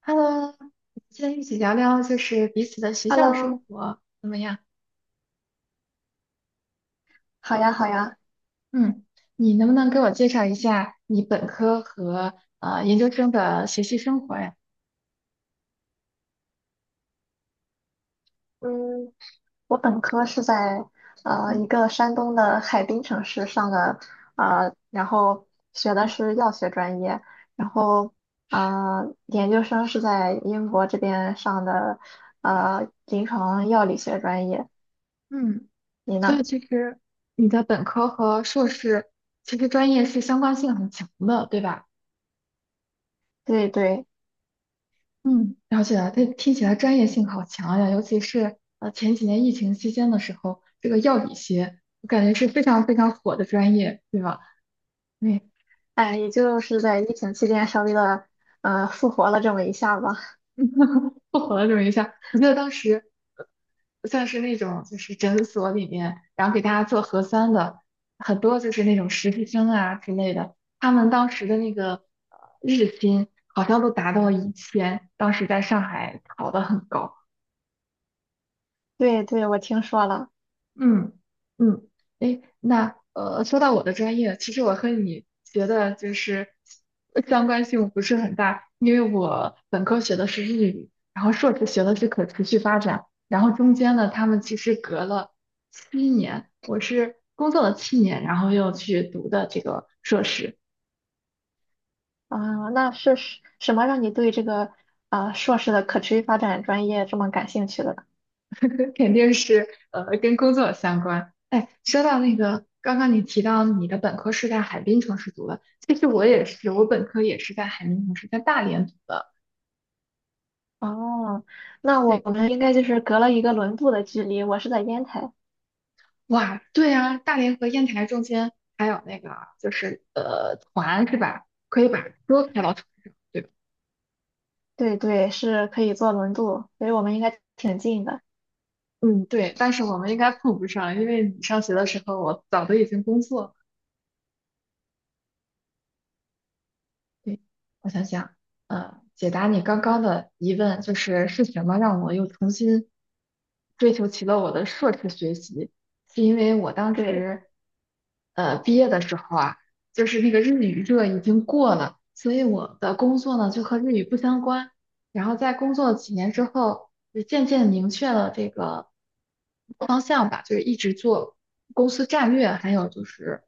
Hello，今天一起聊聊就是彼此的学校生 Hello，活怎么样？好呀，好呀。嗯，你能不能给我介绍一下你本科和研究生的学习生活呀？嗯，我本科是在嗯一个山东的海滨城市上的。然后学的嗯，是药学专业，然后研究生是在英国这边上的，呃临床药理学专业。嗯，你所以呢？其实你的本科和硕士其实专业是相关性很强的，对吧？对对。嗯，了解了，这听起来专业性好强呀，尤其是前几年疫情期间的时候，这个药理学我感觉是非常非常火的专业，对吧？哎，也就是在疫情期间稍微的复活了这么一下吧。不火了这么一下，我记得当时像是那种就是诊所里面，然后给大家做核酸的，很多就是那种实习生啊之类的，他们当时的那个日薪好像都达到了1000，当时在上海考得很高。对对，我听说了。嗯嗯，哎，那，说到我的专业，其实我和你学的就是相关性不是很大，因为我本科学的是日语，然后硕士学的是可持续发展，然后中间呢，他们其实隔了七年，我是工作了七年，然后又去读的这个硕士，啊，那是什么让你对这个啊、硕士的可持续发展专业这么感兴趣的？肯定是跟工作相关。哎，说到那个，刚刚你提到你的本科是在海滨城市读的，其实我也是，我本科也是在海滨城市，在大连读的。哦，那我对，们应该就是隔了一个轮渡的距离，我是在烟台。哇，对啊，大连和烟台中间还有那个就是团是吧？可以把车开到船上，对吧？对对，是可以坐轮渡，所以我们应该挺近的。嗯，对，但是我们应该碰不上，因为你上学的时候我早都已经工作了。对，我想想，解答你刚刚的疑问，就是是什么让我又重新追求起了我的硕士学习？是因为我当对。时，毕业的时候啊，就是那个日语热已经过了，所以我的工作呢就和日语不相关。然后在工作几年之后，就渐渐明确了这个方向吧，就是一直做公司战略，还有就是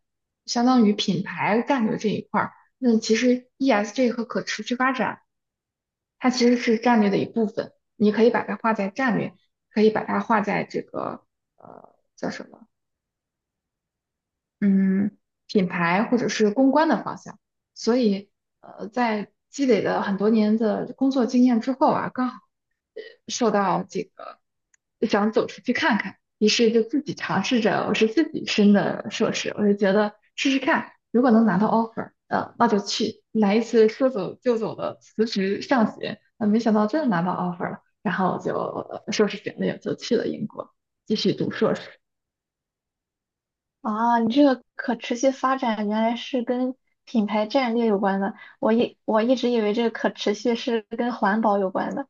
相当于品牌战略这一块儿。那其实 ESG 和可持续发展，它其实是战略的一部分。你可以把它画在战略，可以把它画在这个叫什么嗯，品牌或者是公关的方向。所以，在积累了很多年的工作经验之后啊，刚好呃受到这个想走出去看看，于是就自己尝试着，我是自己申的硕士，我就觉得试试看，如果能拿到 offer，那就去来一次说走就走的辞职上学。没想到真的拿到 offer 了，然后就硕士简历就去了英国继续读硕士。啊，你这个可持续发展原来是跟品牌战略有关的，我一直以为这个可持续是跟环保有关的。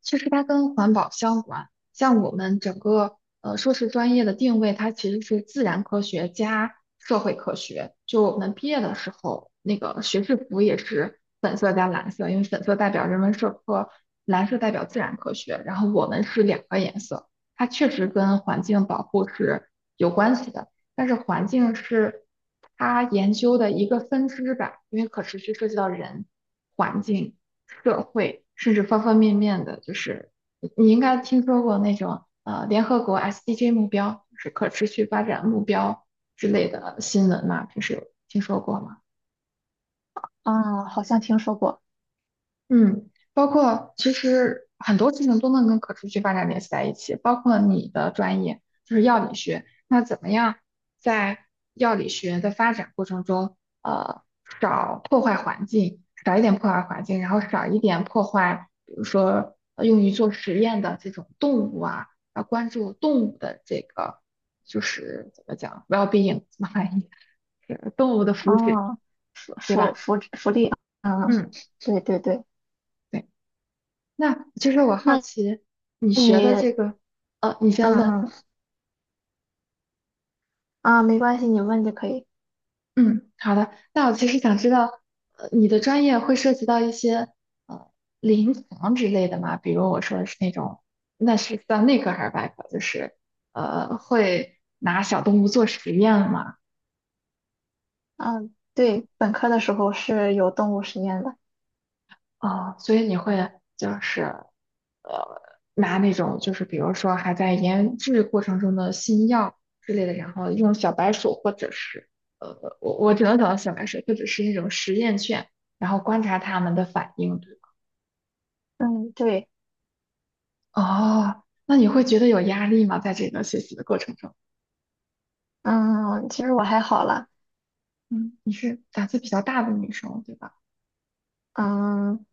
其实它跟环保相关，像我们整个硕士专业的定位，它其实是自然科学加社会科学。就我们毕业的时候，那个学士服也是粉色加蓝色，因为粉色代表人文社科，蓝色代表自然科学。然后我们是两个颜色，它确实跟环境保护是有关系的，但是环境是它研究的一个分支吧，因为可持续涉及到人、环境。社会，甚至方方面面的，就是你应该听说过那种联合国 SDG 目标，就是可持续发展目标之类的新闻嘛，平时有听说过吗？啊，好像听说过。嗯，包括其实很多事情都能跟可持续发展联系在一起，包括你的专业就是药理学，那怎么样在药理学的发展过程中，呃，少破坏环境，少一点破坏环境，然后少一点破坏，比如说用于做实验的这种动物啊，要关注动物的这个就是怎么讲 well-being 怎么翻译，是动物的福祉，啊，福对福吧？福福利，啊，嗯。对对对。对。那就是我好那。奇你学你的这嗯个，你先问，嗯啊，没关系，你问就可以。嗯，好的。那我其实想知道，你的专业会涉及到一些呃临床之类的吗？比如我说的是那种，那是算内科还是外科？就是会拿小动物做实验吗？嗯，对，本科的时候是有动物实验的。哦，所以你会就是呃，拿那种就是比如说还在研制过程中的新药之类的，然后用小白鼠或者是我只能想到小白鼠或者是那种实验犬，然后观察它们的反应，对吧？嗯，对。哦，那你会觉得有压力吗？在这个学习的过程中，嗯，其实我还好了。嗯，你是胆子比较大的女生，对吧？嗯，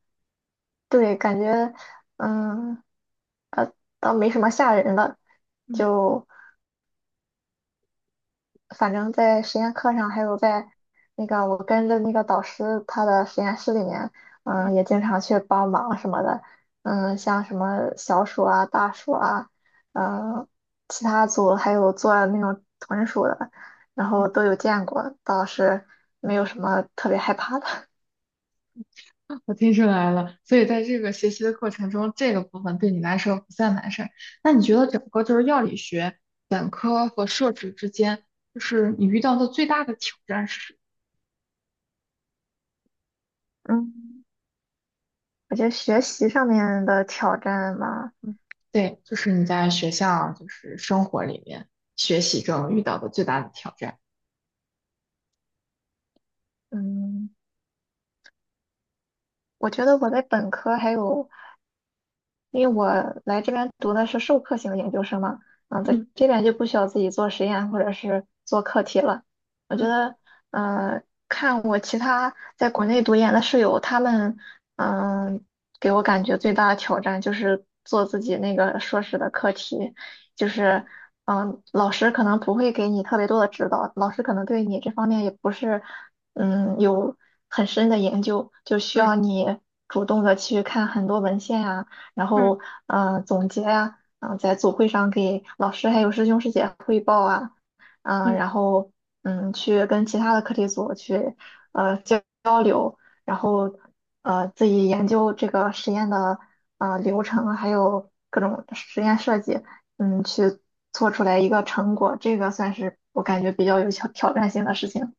对，感觉嗯倒没什么吓人的。嗯，就反正在实验课上，还有在那个我跟着那个导师他的实验室里面，嗯，也经常去帮忙什么的。嗯，像什么小鼠啊、大暑啊，嗯，其他组还有做那种豚鼠的，然后都有见过，倒是没有什么特别害怕的。我听出来了，所以在这个学习的过程中，这个部分对你来说不算难事儿。那你觉得整个就是药理学本科和硕士之间，就是你遇到的最大的挑战是什么？ 嗯，我觉得学习上面的挑战嘛，对，就是你在学校就是生活里面学习中遇到的最大的挑战。嗯，我觉得我在本科还有因为我来这边读的是授课型研究生嘛，嗯，在这边就不需要自己做实验或者是做课题了。我觉得，呃，看我其他在国内读研的室友，他们，嗯、给我感觉最大的挑战就是做自己那个硕士的课题。就是，嗯、老师可能不会给你特别多的指导，老师可能对你这方面也不是，嗯，有很深的研究，就需嗯要你主动的去看很多文献啊。然嗯后总结啊，嗯、在组会上给老师还有师兄师姐汇报啊，嗯、嗯。然后嗯去跟其他的课题组去交流，然后呃自己研究这个实验的呃流程，还有各种实验设计，嗯去做出来一个成果，这个算是我感觉比较有挑战性的事情。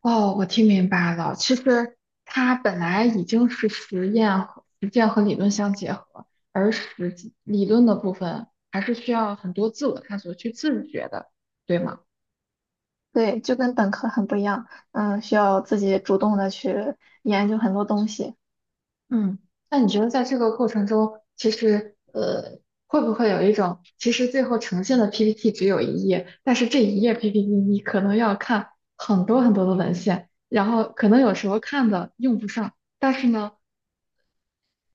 哦，我听明白了。其实它本来已经是实验和实践和理论相结合，而实际理论的部分还是需要很多自我探索去自觉的，对吗？对，就跟本科很不一样，嗯，需要自己主动的去研究很多东西。嗯，那你觉得在这个过程中，其实会不会有一种，其实最后呈现的 PPT 只有一页，但是这一页 PPT 你可能要看很多很多的文献，然后可能有时候看的用不上。但是呢，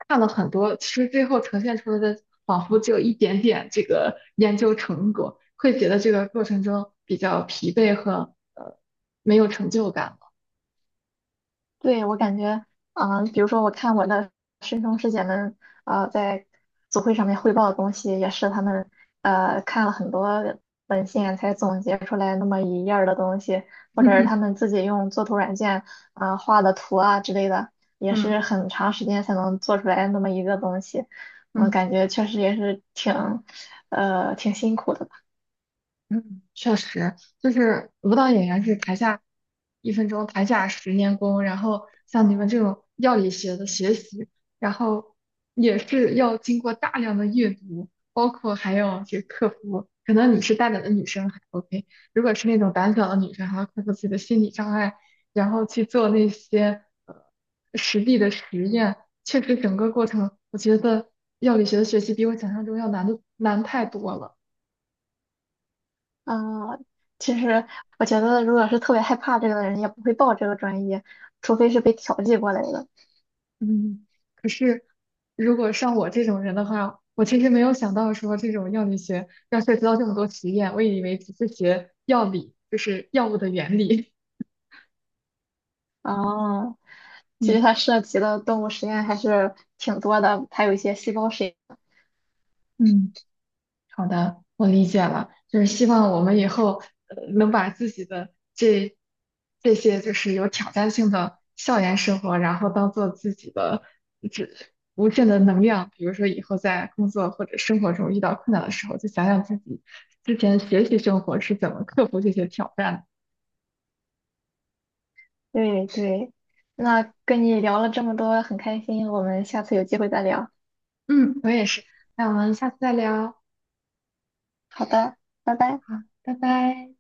看了很多，其实最后呈现出来的仿佛只有一点点这个研究成果，会觉得这个过程中比较疲惫和没有成就感了。对，我感觉，嗯、比如说我看我的师兄师姐们，呃，在组会上面汇报的东西，也是他们看了很多文献才总结出来那么一页儿的东西，或者是他们自己用作图软件啊、呃画的图啊之类的，也嗯是很长时间才能做出来那么一个东西。我嗯。感觉确实也是挺，呃，挺辛苦的。嗯，确实，就是舞蹈演员是台下一分钟，台下十年功。然后像你们这种药理学的学习，然后也是要经过大量的阅读，包括还要去克服。可能你是大胆的女生还 OK，如果是那种胆小的女生，还要克服自己的心理障碍，然后去做那些实地的实验。确实，整个过程我觉得药理学的学习比我想象中要难的难太多了。嗯，其实我觉得，如果是特别害怕这个的人，也不会报这个专业，除非是被调剂过来的。嗯，可是如果像我这种人的话，我其实没有想到说这种药理学要涉及到这么多实验，我以为只是学药理，就是药物的原理。哦，其实嗯它涉及的动物实验还是挺多的，还有一些细胞实验。嗯。好的，我理解了，就是希望我们以后能把自己的这这些就是有挑战性的校园生活，然后当做自己的这无限的能量。比如说以后在工作或者生活中遇到困难的时候，就想想自己之前学习生活是怎么克服这些挑战的。对对，那跟你聊了这么多，很开心，我们下次有机会再聊。嗯，我也是，那我们下次再聊，好，好的，拜拜。拜拜。